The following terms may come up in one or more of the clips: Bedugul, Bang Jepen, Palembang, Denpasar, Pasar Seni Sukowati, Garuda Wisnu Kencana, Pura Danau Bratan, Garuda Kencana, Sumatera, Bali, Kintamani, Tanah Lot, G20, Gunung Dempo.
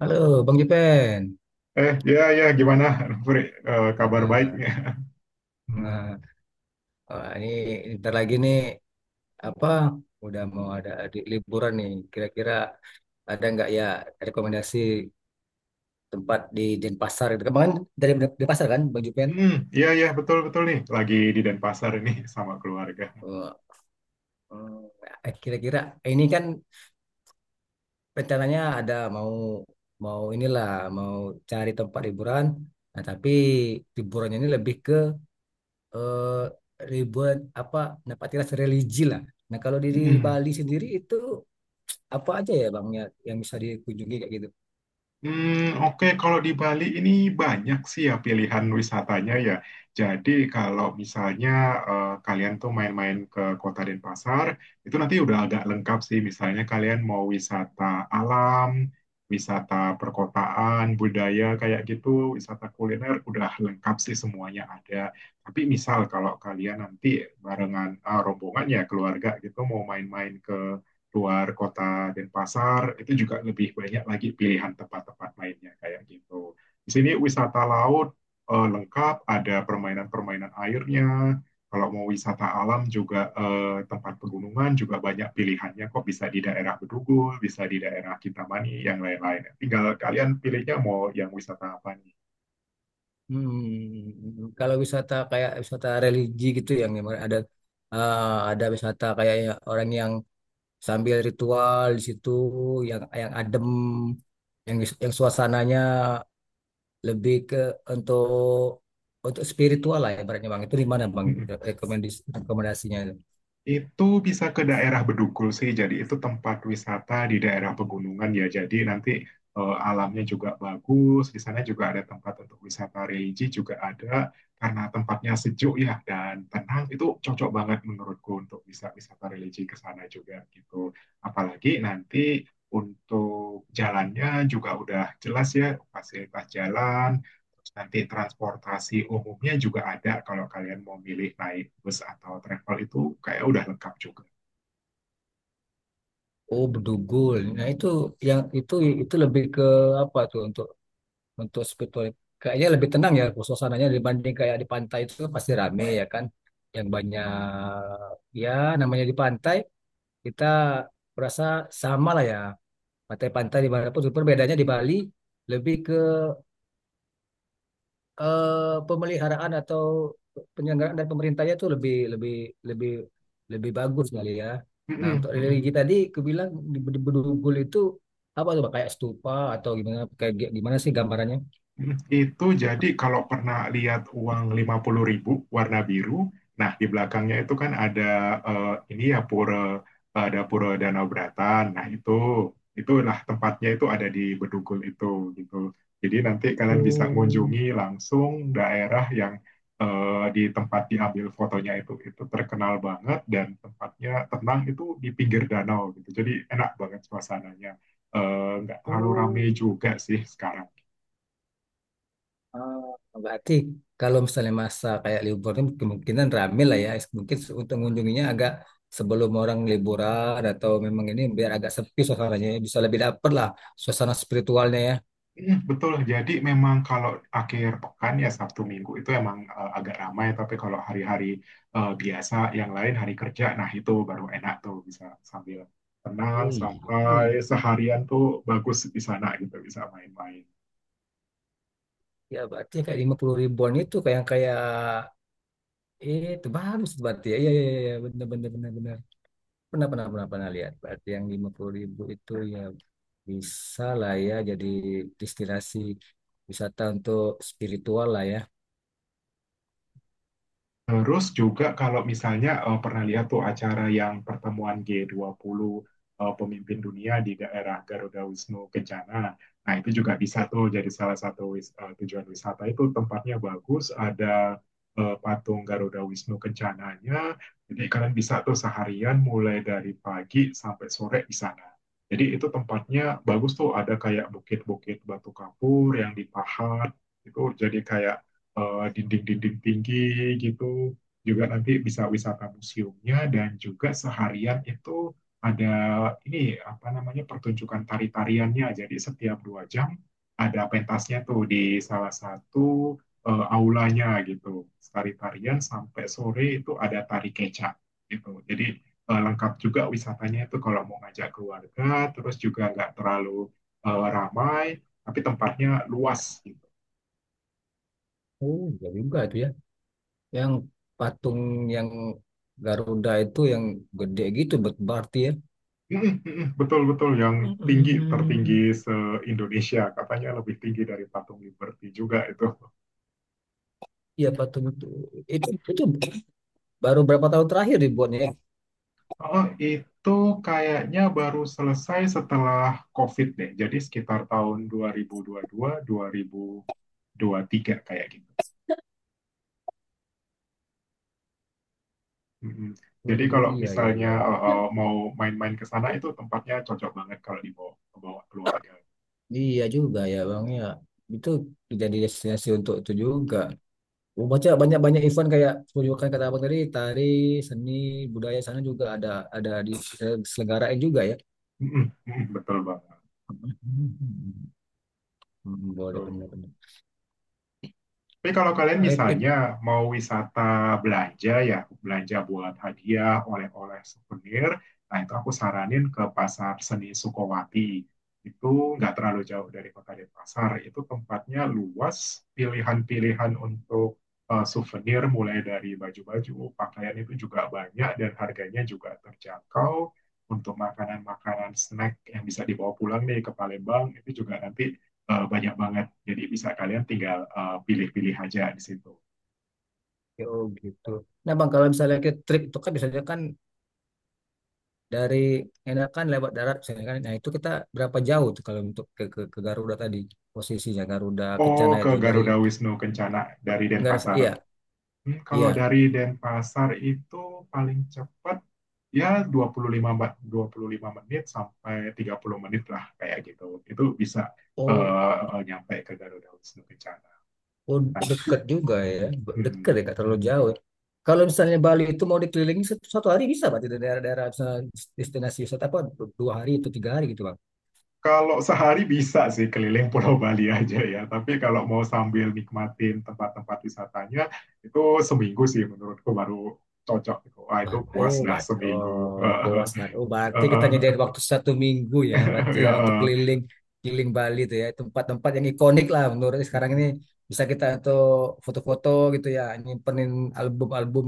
Halo, Bang Jepen. Ya, ya, gimana, Fri? Kabar Ya, baiknya? nah, wah, ini ntar lagi nih apa? Udah mau ada di liburan nih. Kira-kira ada nggak ya rekomendasi tempat di Denpasar? Gitu kan, Bang, kan dari Denpasar kan, Bang Jepen? Hmm, ya, ya, betul, betul nih. Lagi di Denpasar ini sama keluarga. Eh, Kira-kira ini kan rencananya ada mau mau inilah mau cari tempat liburan. Nah, tapi liburannya ini lebih ke eh, liburan apa? Tempat religi lah. Nah, kalau di Hmm. Bali sendiri itu apa aja ya, Bang, ya, yang bisa dikunjungi kayak gitu? Hmm, oke, kalau di Bali ini banyak sih ya pilihan wisatanya ya. Jadi kalau misalnya kalian tuh main-main ke Kota Denpasar, itu nanti udah agak lengkap sih. Misalnya kalian mau wisata alam, wisata perkotaan, budaya kayak gitu, wisata kuliner, udah lengkap sih semuanya ada. Tapi misal kalau kalian nanti barengan rombongan ya keluarga gitu mau main-main ke luar kota Denpasar itu juga lebih banyak lagi pilihan tempat-tempat lainnya kayak gitu. Di sini wisata laut lengkap, ada permainan-permainan airnya. Kalau mau wisata alam juga tempat pegunungan juga banyak pilihannya kok bisa di daerah Bedugul, bisa di daerah Kintamani, yang lain-lain. Tinggal kalian pilihnya mau yang wisata apa Hmm, kalau wisata kayak wisata religi gitu yang memang ada, eh, ada wisata kayak ya orang yang sambil ritual di situ yang adem yang yang suasananya lebih ke untuk spiritual lah ya, ibaratnya, Bang. Itu di mana, Bang, nih. Rekomendasinya itu? Itu bisa ke daerah Bedugul sih, jadi itu tempat wisata di daerah pegunungan ya. Jadi nanti alamnya juga bagus, di sana juga ada tempat untuk wisata religi juga ada, karena tempatnya sejuk ya dan tenang. Itu cocok banget menurutku untuk bisa wisata religi ke sana juga gitu. Apalagi nanti untuk jalannya juga udah jelas ya, fasilitas jalan, nanti transportasi umumnya juga ada kalau kalian mau milih naik bus atau travel itu kayak udah lengkap juga. Oh, Bedugul. Nah, itu yang itu lebih ke apa tuh, untuk spiritual, kayaknya lebih tenang ya suasananya, dibanding kayak di pantai itu pasti rame ya kan, yang banyak. Ya namanya di pantai kita berasa sama lah ya, pantai-pantai di mana pun, cuma bedanya di Bali lebih ke pemeliharaan atau penyelenggaraan dari pemerintahnya tuh lebih lebih lebih lebih bagus kali ya. Nah, Mm-mm, untuk mm-mm. religi tadi kebilang di Bedugul itu apa tuh, Pak? Kayak stupa atau gimana, gimana sih gambarannya? Itu jadi kalau pernah lihat uang 50.000 warna biru, nah di belakangnya itu kan ada ini ya pura ada pura Danau Bratan. Nah itu itulah tempatnya itu ada di Bedugul itu gitu. Jadi nanti kalian bisa Oh, mengunjungi langsung daerah yang di tempat diambil fotonya itu terkenal banget dan tempatnya tenang itu di pinggir danau gitu. Jadi enak banget suasananya. Nggak terlalu ramai oh. juga sih sekarang. Oh, berarti kalau misalnya masa kayak liburan, kemungkinan rame lah ya. Mungkin untuk mengunjunginya agak sebelum orang liburan, atau memang ini biar agak sepi suasananya ya. Bisa lebih dapet lah suasana spiritualnya ya. Iya, betul. Jadi memang kalau akhir pekan ya Sabtu Minggu itu emang agak ramai, tapi kalau hari-hari biasa yang lain hari kerja, nah itu baru enak tuh bisa sambil tenang Wih, wih. sampai seharian tuh bagus di sana gitu bisa main-main. Ya berarti kayak 50 ribuan itu kayak yang kayak, itu bagus berarti ya. Iya, iya, iya, iya. Benar, benar, benar, benar. Pernah, pernah, pernah, pernah lihat. Berarti yang 50 ribu itu ya, bisa lah ya jadi destinasi wisata untuk spiritual lah ya. Terus juga kalau misalnya pernah lihat tuh acara yang pertemuan G20 pemimpin dunia di daerah Garuda Wisnu Kencana. Nah, itu juga bisa tuh jadi salah satu tujuan wisata. Itu tempatnya bagus, ada patung Garuda Wisnu Kencananya. Jadi kalian bisa tuh seharian mulai dari pagi sampai sore di sana. Jadi itu tempatnya bagus tuh, ada kayak bukit-bukit batu kapur yang dipahat. Itu jadi kayak dinding-dinding tinggi gitu. Juga nanti bisa wisata museumnya dan juga seharian itu ada ini apa namanya pertunjukan tari-tariannya. Jadi setiap 2 jam ada pentasnya tuh di salah satu aulanya gitu. Tari-tarian sampai sore itu ada tari kecak gitu. Jadi lengkap juga wisatanya itu kalau mau ngajak keluarga, terus juga nggak terlalu ramai, tapi tempatnya luas. Oh, iya juga itu ya. Yang patung yang Garuda itu yang gede gitu, berarti ya. Mm, mm, mm, betul, betul. Yang tinggi, tertinggi Mm. se-Indonesia. Katanya lebih tinggi dari Patung Liberty juga itu. Iya, patung itu. Itu baru berapa tahun terakhir dibuatnya ya? Oh, itu kayaknya baru selesai setelah COVID deh. Jadi sekitar tahun 2022, 2023 kayak gitu. Mm, mm. Jadi 2000. kalau Iya, iya, misalnya iya, iya. Mau main-main ke sana itu tempatnya cocok banget kalau dibawa, bawa keluarga. Iya juga ya, Bang, ya. Itu jadi destinasi untuk itu juga. Gua baca banyak-banyak event kayak tunjukkan kata Abang tadi, tari, seni, budaya, sana juga ada diselenggarain juga ya. Mm, mm, mm, betul banget. Hmm, boleh Tuh. benar-benar. Tapi kalau kalian misalnya mau wisata belanja ya, belanja buat hadiah, oleh-oleh, souvenir, nah itu aku saranin ke Pasar Seni Sukowati. Itu nggak terlalu jauh dari Kota Denpasar. Itu tempatnya luas, pilihan-pilihan untuk souvenir mulai dari baju-baju, pakaian itu juga banyak dan harganya juga terjangkau. Untuk makanan-makanan snack yang bisa dibawa pulang nih ke Palembang, itu juga nanti banyak banget. Jadi bisa kalian tinggal pilih-pilih aja di situ. Oh gitu. Nah, bang, kalau misalnya kita trip itu kan biasanya kan dari enakan lewat darat misalnya kan. Nah itu kita berapa jauh tuh kalau untuk ke, ke Garuda tadi, posisinya Garuda Oh, Kencana ke itu dari, Garuda Wisnu Kencana dari nggak ada, Denpasar. iya, Hmm, kalau iya. dari Denpasar itu paling cepat ya 25 menit sampai 30 menit lah kayak gitu. Itu bisa Oh, nyampe ke Garuda Wisnu Kencana. oh, Kan? deket juga ya, deket Hmm. ya, nggak terlalu jauh. Kalau misalnya Bali itu mau dikelilingi satu hari bisa, berarti dari daerah-daerah, misalnya destinasi wisata apa, dua hari atau tiga hari gitu, bang? Kalau sehari bisa sih keliling Pulau Bali aja ya, tapi kalau mau sambil nikmatin tempat-tempat wisatanya itu seminggu sih menurutku baru cocok. Wah itu puas Oh, dah bat, seminggu. oh, puas bat. Oh, berarti kita nyediain waktu satu minggu ya, berarti ya untuk Ya keliling keliling Bali itu ya, tempat-tempat yang ikonik lah menurut sekarang ini eh. bisa kita untuk foto-foto gitu ya, nyimpenin album-album,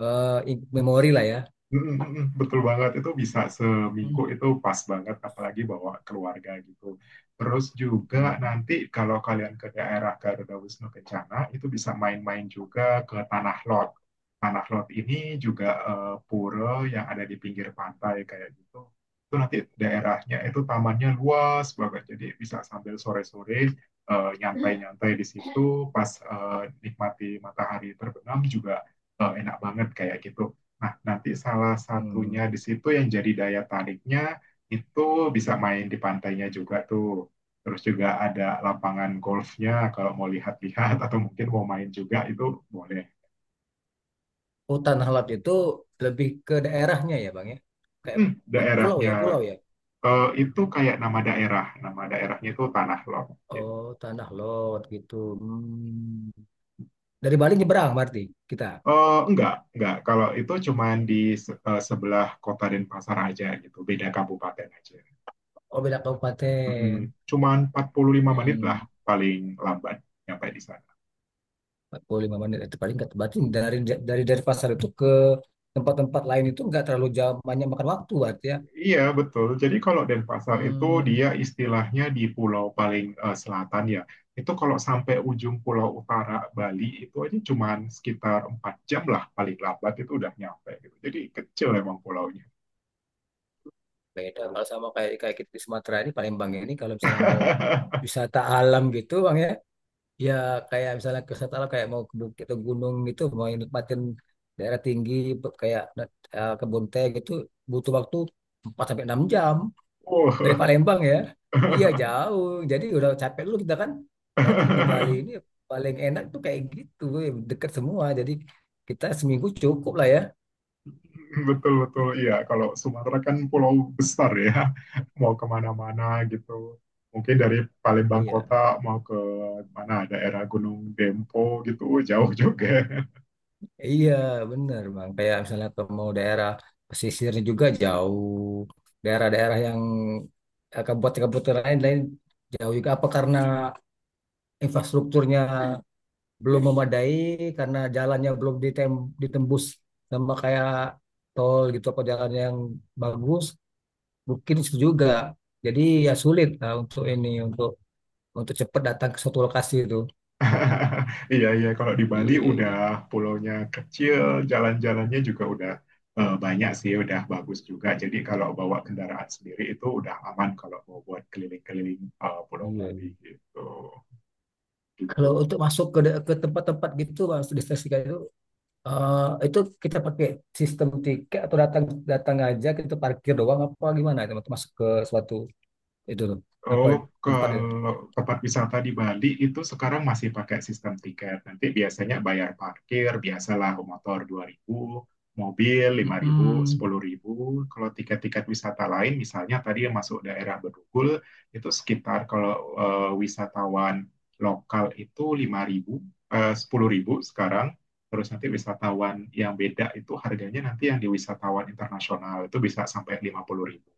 memori lah ya. Mm, mm, mm, betul banget, itu bisa seminggu Hmm. itu pas banget, apalagi bawa keluarga gitu. Terus juga Hmm. nanti kalau kalian ke daerah Garuda Wisnu Kencana, itu bisa main-main juga ke Tanah Lot. Tanah Lot ini juga pura yang ada di pinggir pantai kayak gitu. Itu nanti daerahnya itu tamannya luas banget, jadi bisa sambil sore-sore nyantai-nyantai di situ, pas nikmati matahari terbenam juga enak banget kayak gitu. Nah, nanti salah satunya di Hmm. situ yang jadi daya tariknya itu bisa main di pantainya juga tuh. Terus juga ada lapangan golfnya kalau mau lihat-lihat atau mungkin mau main juga itu boleh. Oh, Tanah Lot itu lebih ke daerahnya ya, Bang, ya. Kayak Hmm, pulau daerahnya ya, pulau ya. Itu kayak nama daerah, nama daerahnya itu Tanah Lot. Gitu. Oh, Tanah Lot gitu. Hmm. Dari Bali nyebrang berarti kita. Enggak, enggak. Kalau itu cuman di sebelah kota Denpasar aja gitu, beda kabupaten aja. Oh, beda Mm-mm. kabupaten. Cuman 45 menit lah Hmm, paling lambat nyampe di sana. 45 menit itu paling nggak, berarti dari dari pasar itu ke tempat-tempat lain itu nggak terlalu jauh, banyak makan waktu berarti ya. Iya, betul. Jadi kalau Denpasar itu Hmm, dia istilahnya di pulau paling selatan ya. Itu kalau sampai ujung pulau utara Bali itu aja cuman sekitar 4 jam lah paling lambat itu udah nyampe gitu. Jadi kecil emang pulaunya. beda kalau sama kayak kayak kita di Sumatera ini, Palembang ini, kalau misalnya mau wisata alam gitu bang ya, ya kayak misalnya ke wisata alam kayak mau ke bukit atau gunung gitu, mau nikmatin daerah tinggi kayak kebun teh gitu, butuh waktu 4 sampai 6 jam. Dari Oh. Palembang ya? Iya, jauh. Jadi udah capek dulu kita kan. Berarti di Bali ini paling enak tuh kayak gitu, dekat semua. Jadi kita seminggu cukup lah ya. Betul betul iya kalau Sumatera kan pulau besar ya mau kemana-mana gitu mungkin dari Palembang kota Iya, mau ke mana daerah Gunung Dempo gitu jauh juga. iya, bener bang. Kayak misalnya ke mau daerah pesisirnya juga jauh, daerah-daerah yang kabupaten-kabupaten lain lain jauh juga. Apa karena infrastrukturnya belum memadai, karena jalannya belum ditembus sama kayak tol gitu, apa jalan yang bagus, booking juga. Jadi ya sulit lah untuk ini, untuk cepat datang ke suatu lokasi itu. Iya, iya. Kalau di Iya, Bali iya, udah iya. pulaunya kecil, jalan-jalannya juga udah banyak sih, udah bagus juga. Jadi kalau bawa kendaraan sendiri itu udah aman kalau mau buat keliling-keliling Pulau Iya. Bali gitu. Kalau Gitu. untuk masuk ke tempat-tempat gitu, masuk destinasi kayak itu, eh, itu kita pakai sistem tiket atau datang, datang aja, kita parkir doang apa gimana itu untuk masuk ke suatu itu tuh, apa, Oh, tempat itu. kalau tempat wisata di Bali itu sekarang masih pakai sistem tiket. Nanti biasanya bayar parkir, biasalah motor 2.000, mobil 5.000, Mm-mm. 10.000. Kalau tiket-tiket wisata lain, misalnya tadi yang masuk daerah Bedugul, itu sekitar kalau wisatawan lokal itu 5.000, 10.000 sekarang. Terus nanti wisatawan yang beda itu harganya nanti yang di wisatawan internasional itu bisa sampai 50.000.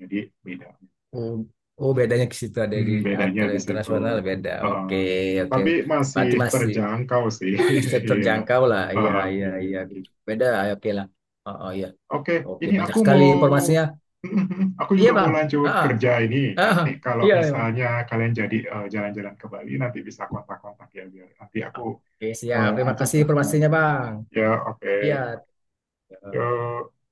Jadi beda. Oh, oh, bedanya ke situ ada di Mm, bedanya kalau di situ. internasional beda. Heeh. Oke, oke. Tapi masih Berarti masih terjangkau sih. Iya. terjangkau lah, iya, Heeh, iya, iya iya, gitu. beda ya, oke lah, oh, oh, iya, Oke, oke, ini banyak aku sekali mau informasinya, aku iya, juga mau bang, ah lanjut ah, kerja ini. ah, Nanti kalau iya, iya, bang, misalnya kalian jadi jalan-jalan ke Bali nanti bisa kontak-kontak ya biar nanti aku oke siap, terima ajak kasih lah informasinya, jalan-jalan. bang, Ya, oke. iya. Oke. Yuk.